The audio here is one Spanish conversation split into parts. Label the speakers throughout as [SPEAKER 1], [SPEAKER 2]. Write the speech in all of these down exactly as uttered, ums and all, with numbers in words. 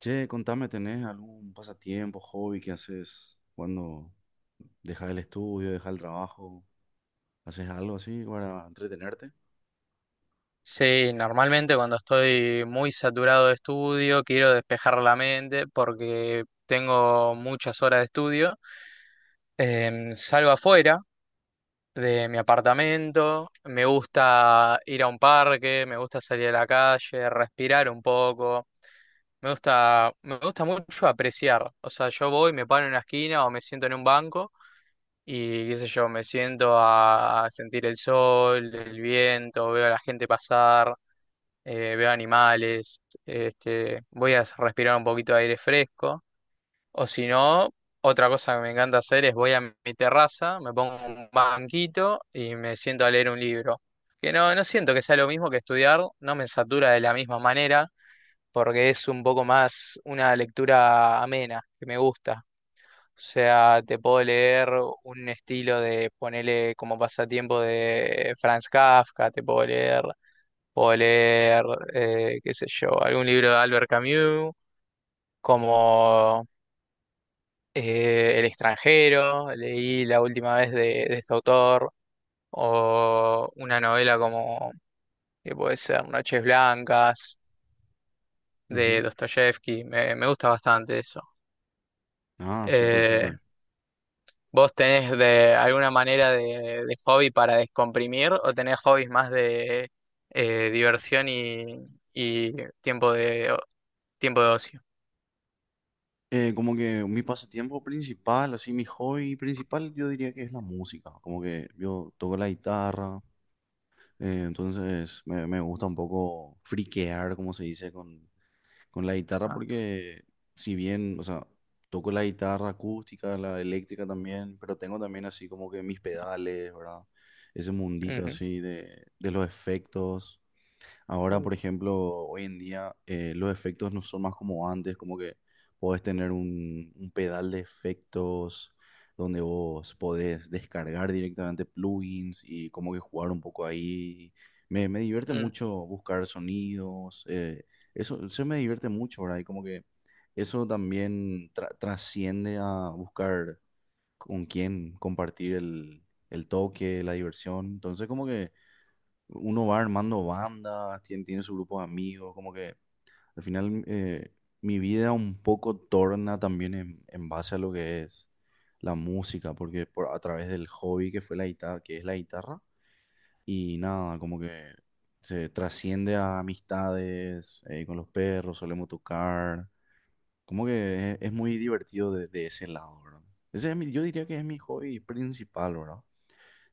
[SPEAKER 1] Che, contame, ¿tenés algún pasatiempo, hobby que haces cuando dejas el estudio, dejas el trabajo? ¿Haces algo así para entretenerte?
[SPEAKER 2] Sí, normalmente cuando estoy muy saturado de estudio, quiero despejar la mente porque tengo muchas horas de estudio. Em, salgo afuera de mi apartamento, me gusta ir a un parque, me gusta salir a la calle, respirar un poco. Me gusta, me gusta mucho apreciar. O sea, yo voy, me paro en una esquina o me siento en un banco y qué sé yo, me siento a, a sentir el sol, el viento, veo a la gente pasar, eh, veo animales, este, voy a respirar un poquito de aire fresco. O si no, otra cosa que me encanta hacer es voy a mi terraza, me pongo un banquito y me siento a leer un libro. Que no, no siento que sea lo mismo que estudiar, no me satura de la misma manera, porque es un poco más una lectura amena, que me gusta. O sea, te puedo leer un estilo de, ponele como pasatiempo de Franz Kafka, te puedo leer, puedo leer, eh, qué sé yo, algún libro de Albert Camus, como eh, El extranjero, leí la última vez de, de, este autor, o una novela como, que puede ser Noches Blancas,
[SPEAKER 1] Ujú.
[SPEAKER 2] de Dostoyevsky, me, me gusta bastante eso.
[SPEAKER 1] Ah, súper, súper.
[SPEAKER 2] Eh, ¿Vos tenés de alguna manera de, de hobby para descomprimir o tenés hobbies más de eh, diversión y, y tiempo de o- tiempo de ocio?
[SPEAKER 1] Eh, como que mi pasatiempo principal, así mi hobby principal, yo diría que es la música. Como que yo toco la guitarra, eh, entonces me, me gusta un poco friquear, como se dice, con, Con la guitarra
[SPEAKER 2] Ah,
[SPEAKER 1] porque si bien, o sea, toco la guitarra acústica, la eléctrica también, pero tengo también así como que mis pedales, ¿verdad? Ese mundito
[SPEAKER 2] ujú.
[SPEAKER 1] así de, de los efectos. Ahora,
[SPEAKER 2] Uh,
[SPEAKER 1] por ejemplo, hoy en día eh, los efectos no son más como antes, como que podés tener un, un pedal de efectos donde vos podés descargar directamente plugins y como que jugar un poco ahí. Me, me divierte
[SPEAKER 2] mm.
[SPEAKER 1] mucho buscar sonidos, eh, eso, eso me divierte mucho, ¿verdad? Y como que eso también tra- trasciende a buscar con quién compartir el, el toque, la diversión. Entonces, como que uno va armando bandas, tiene, tiene su grupo de amigos, como que al final eh, mi vida un poco torna también en, en base a lo que es la música, porque por, a través del hobby que fue la guitarra, que es la guitarra, y nada, como que se trasciende a amistades, eh, con los perros solemos tocar, como que es, es muy divertido de, de ese lado, ¿verdad? Ese es mi- yo diría que es mi hobby principal, ¿verdad?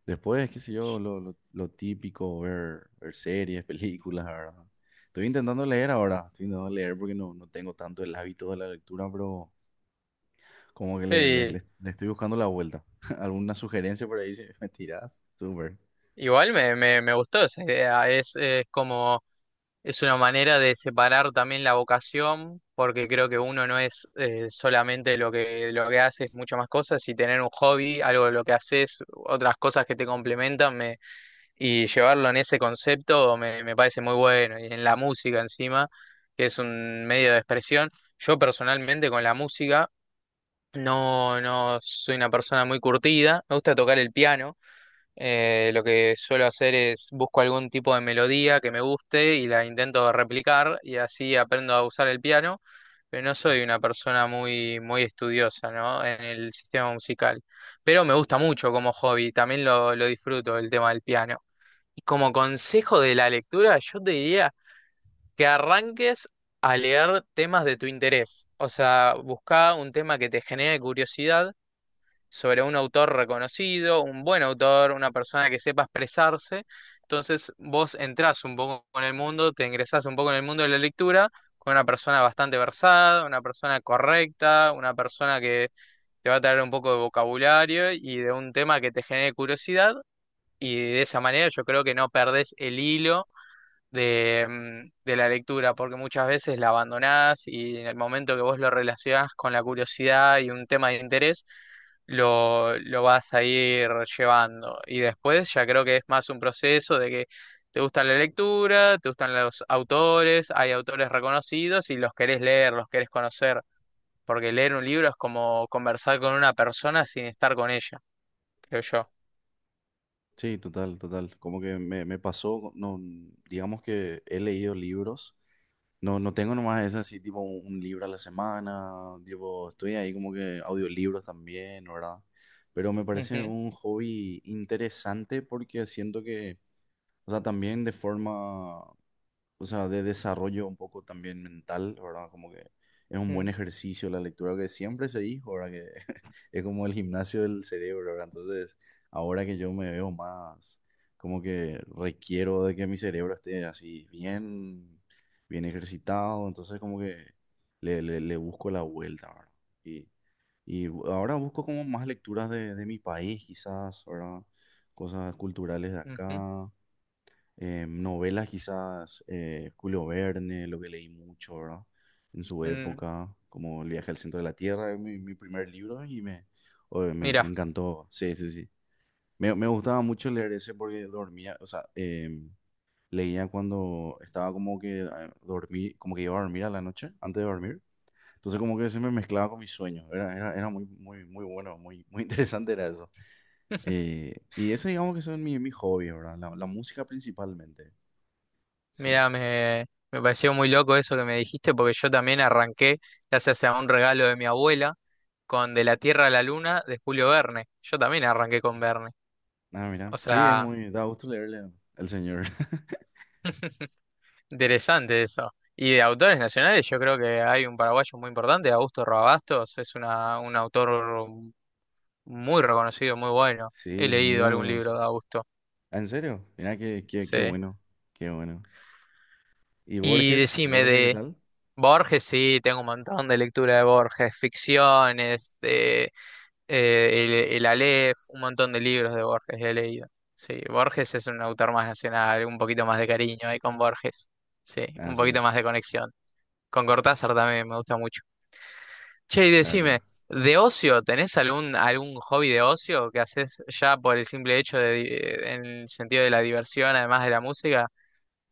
[SPEAKER 1] Después, qué sé yo, lo, lo- lo típico, ver, ver series, películas, ¿verdad? Estoy intentando leer ahora, estoy intentando leer porque no, no tengo tanto el hábito de la lectura, pero como que le, le-
[SPEAKER 2] Sí,
[SPEAKER 1] le- le estoy buscando la vuelta. ¿Alguna sugerencia por ahí si me tirás? Súper.
[SPEAKER 2] igual me, me, me gustó esa idea. Es, es como es una manera de separar también la vocación, porque creo que uno no es eh, solamente lo que lo que hace, es muchas más cosas, y tener un hobby, algo de lo que haces, otras cosas que te complementan, y llevarlo en ese concepto me, me parece muy bueno, y en la música encima, que es un medio de expresión. Yo personalmente con la música no, no soy una persona muy curtida, me gusta tocar el piano, eh, lo que suelo hacer es busco algún tipo de melodía que me guste y la intento replicar y así aprendo a usar el piano, pero no soy una persona muy, muy estudiosa, ¿no?, en el sistema musical. Pero me gusta mucho como hobby, también lo, lo disfruto el tema del piano. Y como consejo de la lectura, yo te diría que arranques a leer temas de tu interés. O sea, busca un tema que te genere curiosidad sobre un autor reconocido, un buen autor, una persona que sepa expresarse. Entonces, vos entrás un poco en el mundo, te ingresás un poco en el mundo de la lectura con una persona bastante versada, una persona correcta, una persona que te va a traer un poco de vocabulario y de un tema que te genere curiosidad. Y de esa manera yo creo que no perdés el hilo de, mm, de la lectura, porque muchas veces la abandonás y en el momento que vos lo relacionás con la curiosidad y un tema de interés, lo, lo vas a ir llevando. Y después ya creo que es más un proceso de que te gusta la lectura, te gustan los autores, hay autores reconocidos y los querés leer, los querés conocer, porque leer un libro es como conversar con una persona sin estar con ella, creo yo.
[SPEAKER 1] Sí, total, total. Como que me, me pasó, no, digamos que he leído libros. No, no tengo nomás esa así, tipo un, un libro a la semana, tipo, estoy ahí como que audiolibros también, ¿no, ¿verdad? Pero me parece
[SPEAKER 2] Ujú,
[SPEAKER 1] un hobby interesante porque siento que, o sea, también de forma, o sea, de desarrollo un poco también mental, ¿verdad? Como que es un buen ejercicio la lectura que siempre se dijo, ¿verdad? Que es como el gimnasio del cerebro, ¿verdad? Entonces, ahora que yo me veo más, como que requiero de que mi cerebro esté así bien, bien ejercitado, entonces como que le, le, le busco la vuelta, ¿verdad? Y, y ahora busco como más lecturas de, de mi país, quizás, ¿verdad? Cosas culturales de
[SPEAKER 2] mm, ujú,
[SPEAKER 1] acá, eh, novelas quizás, eh, Julio Verne, lo que leí mucho, ¿verdad? En su
[SPEAKER 2] mm.
[SPEAKER 1] época, como El viaje al centro de la Tierra, es mi, mi primer libro y me, oye, me, me
[SPEAKER 2] Mira,
[SPEAKER 1] encantó, sí, sí, sí. Me, me gustaba mucho leer ese porque dormía, o sea, em, leía cuando estaba como que eh, dormí, como que iba a dormir a la noche, antes de dormir. Entonces como que se me mezclaba con mis sueños, era, era, era muy, muy, muy bueno, muy, muy interesante era eso. Eh, y ese digamos que son mi, mi hobby, ¿verdad? La, la música principalmente, sí.
[SPEAKER 2] mira, me, me pareció muy loco eso que me dijiste, porque yo también arranqué, gracias a un regalo de mi abuela, con De la Tierra a la Luna de Julio Verne. Yo también arranqué con Verne.
[SPEAKER 1] Ah, mira.
[SPEAKER 2] O
[SPEAKER 1] Sí, es
[SPEAKER 2] sea,
[SPEAKER 1] muy. Da gusto leerle al señor.
[SPEAKER 2] interesante eso. Y de autores nacionales, yo creo que hay un paraguayo muy importante, Augusto Rabastos, es una, un autor muy reconocido, muy bueno. He
[SPEAKER 1] Sí,
[SPEAKER 2] leído
[SPEAKER 1] muy
[SPEAKER 2] algún libro
[SPEAKER 1] reconocido.
[SPEAKER 2] de Augusto.
[SPEAKER 1] Ah, ¿en serio? Mira, qué, qué,
[SPEAKER 2] Sí.
[SPEAKER 1] qué bueno. Qué bueno. ¿Y
[SPEAKER 2] Y
[SPEAKER 1] Borges?
[SPEAKER 2] decime
[SPEAKER 1] ¿Borges qué
[SPEAKER 2] de
[SPEAKER 1] tal?
[SPEAKER 2] Borges, sí, tengo un montón de lectura de Borges, ficciones. Eh, el, el, Aleph, un montón de libros de Borges he leído. Sí, Borges es un autor más nacional, un poquito más de cariño ahí con Borges. Sí,
[SPEAKER 1] Ah,
[SPEAKER 2] un
[SPEAKER 1] sí.
[SPEAKER 2] poquito más de conexión. Con Cortázar también me gusta mucho. Che, y
[SPEAKER 1] Claro,
[SPEAKER 2] decime,
[SPEAKER 1] claro.
[SPEAKER 2] ¿de ocio tenés algún, algún hobby de ocio que haces ya por el simple hecho de, di- en el sentido de la diversión, además de la música?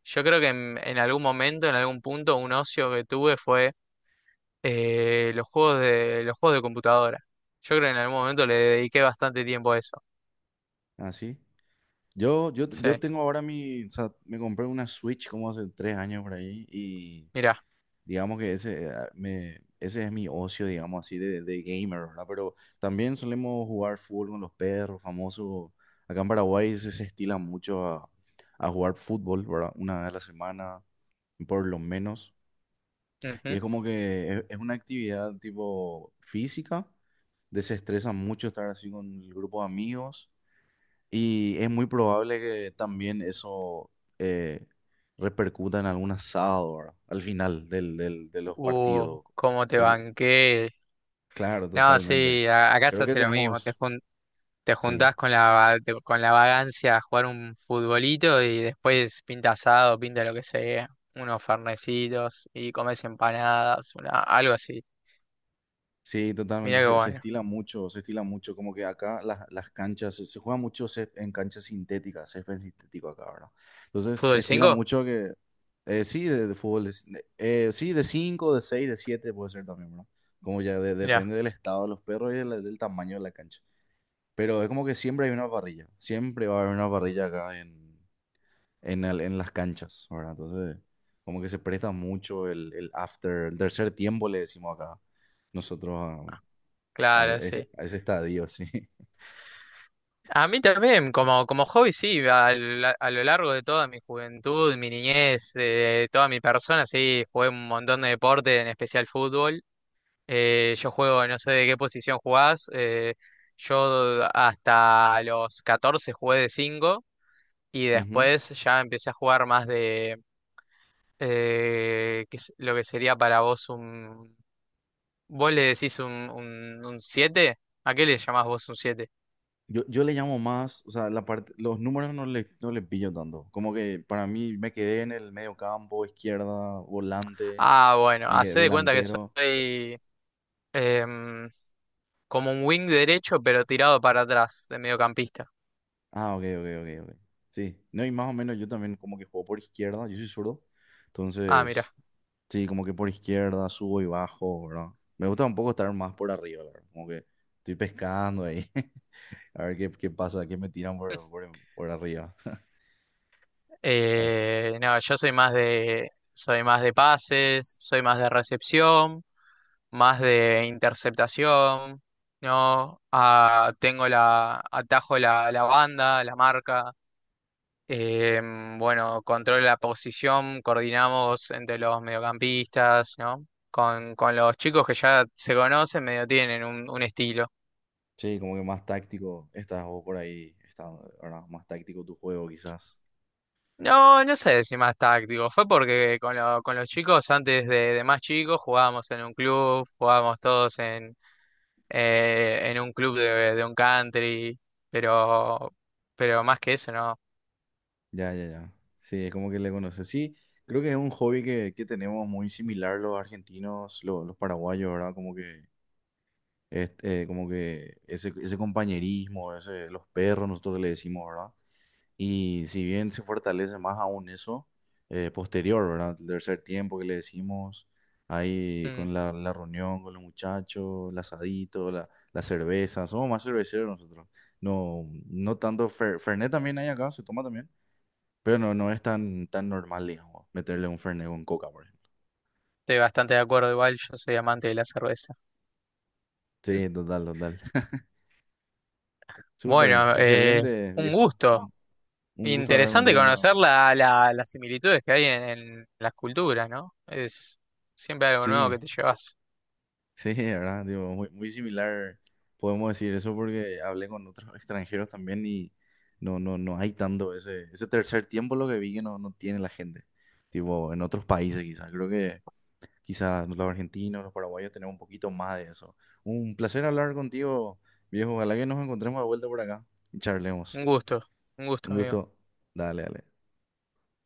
[SPEAKER 2] Yo creo que en, en algún momento, en algún punto, un ocio que tuve fue eh, los juegos de, los juegos de computadora. Yo creo que en algún momento le dediqué bastante tiempo a eso.
[SPEAKER 1] Ah, sí. Yo, yo,
[SPEAKER 2] Sí,
[SPEAKER 1] yo tengo ahora mi. O sea, me compré una Switch como hace tres años por ahí.
[SPEAKER 2] mira,
[SPEAKER 1] Digamos que ese, eh, me, ese es mi ocio, digamos así, de, de gamer, ¿verdad? Pero también solemos jugar fútbol con los perros, famoso. Acá en Paraguay se, se estila mucho a, a jugar fútbol, ¿verdad? Una vez a la semana, por lo menos. Y
[SPEAKER 2] ujú.
[SPEAKER 1] es como que es, es una actividad tipo física, desestresa mucho estar así con el grupo de amigos y es muy probable que también eso eh, repercuta en algún asado, ¿verdad? Al final del, del- de los
[SPEAKER 2] Uh,
[SPEAKER 1] partidos.
[SPEAKER 2] cómo te
[SPEAKER 1] Es-
[SPEAKER 2] banqué.
[SPEAKER 1] claro,
[SPEAKER 2] No,
[SPEAKER 1] totalmente.
[SPEAKER 2] sí, a- acá se
[SPEAKER 1] Creo que
[SPEAKER 2] hace lo mismo. Te,
[SPEAKER 1] tenemos,
[SPEAKER 2] jun- te
[SPEAKER 1] sí,
[SPEAKER 2] juntás con la, va- te- con la vagancia a jugar un futbolito y después pinta asado, pinta lo que sea. Unos fernecitos y comes empanadas, una, algo así.
[SPEAKER 1] sí,
[SPEAKER 2] Mira
[SPEAKER 1] totalmente,
[SPEAKER 2] qué
[SPEAKER 1] se, se
[SPEAKER 2] bueno.
[SPEAKER 1] estila mucho, se estila mucho, como que acá las, las canchas, se, se juega mucho césped en canchas sintéticas, césped sintético acá, ¿verdad? Entonces se
[SPEAKER 2] ¿Fútbol
[SPEAKER 1] estila
[SPEAKER 2] cinco?
[SPEAKER 1] mucho que, eh, sí, de, de fútbol, es- de- eh, sí, de cinco, de seis, de siete puede ser también, ¿verdad? Como ya de-
[SPEAKER 2] Mira,
[SPEAKER 1] depende del estado de los perros y de del, tamaño de la cancha. Pero es como que siempre hay una parrilla, siempre va a haber una parrilla acá en, en, el- en las canchas, ¿verdad? Entonces, como que se presta mucho el, el after, el tercer tiempo le decimos acá, nosotros a
[SPEAKER 2] claro,
[SPEAKER 1] ese,
[SPEAKER 2] sí.
[SPEAKER 1] a ese estadio, sí.
[SPEAKER 2] A mí también, como, como hobby, sí, a, la- a lo largo de toda mi juventud, mi niñez, de toda mi persona, sí, jugué un montón de deporte, en especial fútbol. Eh, yo juego, no sé de qué posición jugás. Eh, yo hasta los catorce jugué de cinco y
[SPEAKER 1] Ujú.
[SPEAKER 2] después ya empecé a jugar más de eh, qué es lo que sería para vos un... ¿Vos le decís un, un, un siete? ¿A qué le llamás vos un siete?
[SPEAKER 1] Yo, yo le llamo más, o sea, la parte, los números no le, no le pillo tanto. Como que para mí me quedé en el medio campo, izquierda, volante,
[SPEAKER 2] Ah, bueno,
[SPEAKER 1] me quedé
[SPEAKER 2] hacé de cuenta que
[SPEAKER 1] delantero.
[SPEAKER 2] soy em, como un wing derecho pero tirado para atrás de mediocampista.
[SPEAKER 1] Ah, ok, ok, ok, ok. Sí, no, y más o menos yo también como que juego por izquierda, yo soy zurdo.
[SPEAKER 2] Ah,
[SPEAKER 1] Entonces,
[SPEAKER 2] mira.
[SPEAKER 1] sí, como que por izquierda subo y bajo, ¿verdad? Me gusta un poco estar más por arriba, la ¿verdad? Como que estoy pescando ahí, a ver qué, qué pasa, qué me tiran por, por, por arriba.
[SPEAKER 2] Eh, no, yo soy más de, soy más de pases, soy más de recepción, más de interceptación, ¿no? Ah, tengo la, atajo la, la, banda, la marca. eh, bueno, controlo la posición, coordinamos entre los mediocampistas, ¿no? Con, con los chicos que ya se conocen, medio tienen un, un estilo.
[SPEAKER 1] Sí, como que más táctico estás o por ahí, está, ¿verdad? Más táctico tu juego quizás.
[SPEAKER 2] No, no sé si más táctico. Fue porque con, lo- con los chicos, antes de, de más chicos, jugábamos en un club, jugábamos todos en, eh, en un club de, de un country, pero, pero más que eso, no.
[SPEAKER 1] Ya, ya, ya. Sí, es como que le conoces. Sí, creo que es un hobby que, que tenemos muy similar los argentinos, lo- los paraguayos, ¿verdad? Como que, este, eh, como que ese, ese compañerismo, ese, los perros, nosotros le decimos, ¿verdad? Y si bien se fortalece más aún eso, eh, posterior, ¿verdad? El tercer tiempo que le decimos, ahí
[SPEAKER 2] Mm,
[SPEAKER 1] con la, la reunión con los muchachos, el asadito, la, la cerveza, somos más cerveceros nosotros. No, no tanto, fer- Fernet también hay acá, se toma también, pero no, no es tan, tan normal, digamos, meterle un Fernet con Coca, por ejemplo.
[SPEAKER 2] Estoy bastante de acuerdo, igual yo soy amante de la cerveza.
[SPEAKER 1] Sí, total, total. Súper,
[SPEAKER 2] Bueno, eh,
[SPEAKER 1] excelente,
[SPEAKER 2] un
[SPEAKER 1] viejo.
[SPEAKER 2] gusto.
[SPEAKER 1] Un, un gusto hablar
[SPEAKER 2] Interesante
[SPEAKER 1] contigo
[SPEAKER 2] conocer
[SPEAKER 1] nuevamente.
[SPEAKER 2] la, la- las similitudes que hay en, en las culturas, ¿no? Es siempre algo nuevo
[SPEAKER 1] Sí.
[SPEAKER 2] que te llevas.
[SPEAKER 1] Sí, ¿verdad? Digo, muy, muy similar, podemos decir eso porque hablé con otros extranjeros también y no, no, no hay tanto ese, ese tercer tiempo lo que vi que no, no tiene la gente. Tipo, en otros países quizás. Creo que quizás los argentinos, los paraguayos tenemos un poquito más de eso. Un placer hablar contigo, viejo. Ojalá que nos encontremos de vuelta por acá y charlemos.
[SPEAKER 2] Un gusto, un
[SPEAKER 1] Un
[SPEAKER 2] gusto, amigo.
[SPEAKER 1] gusto. Dale, dale.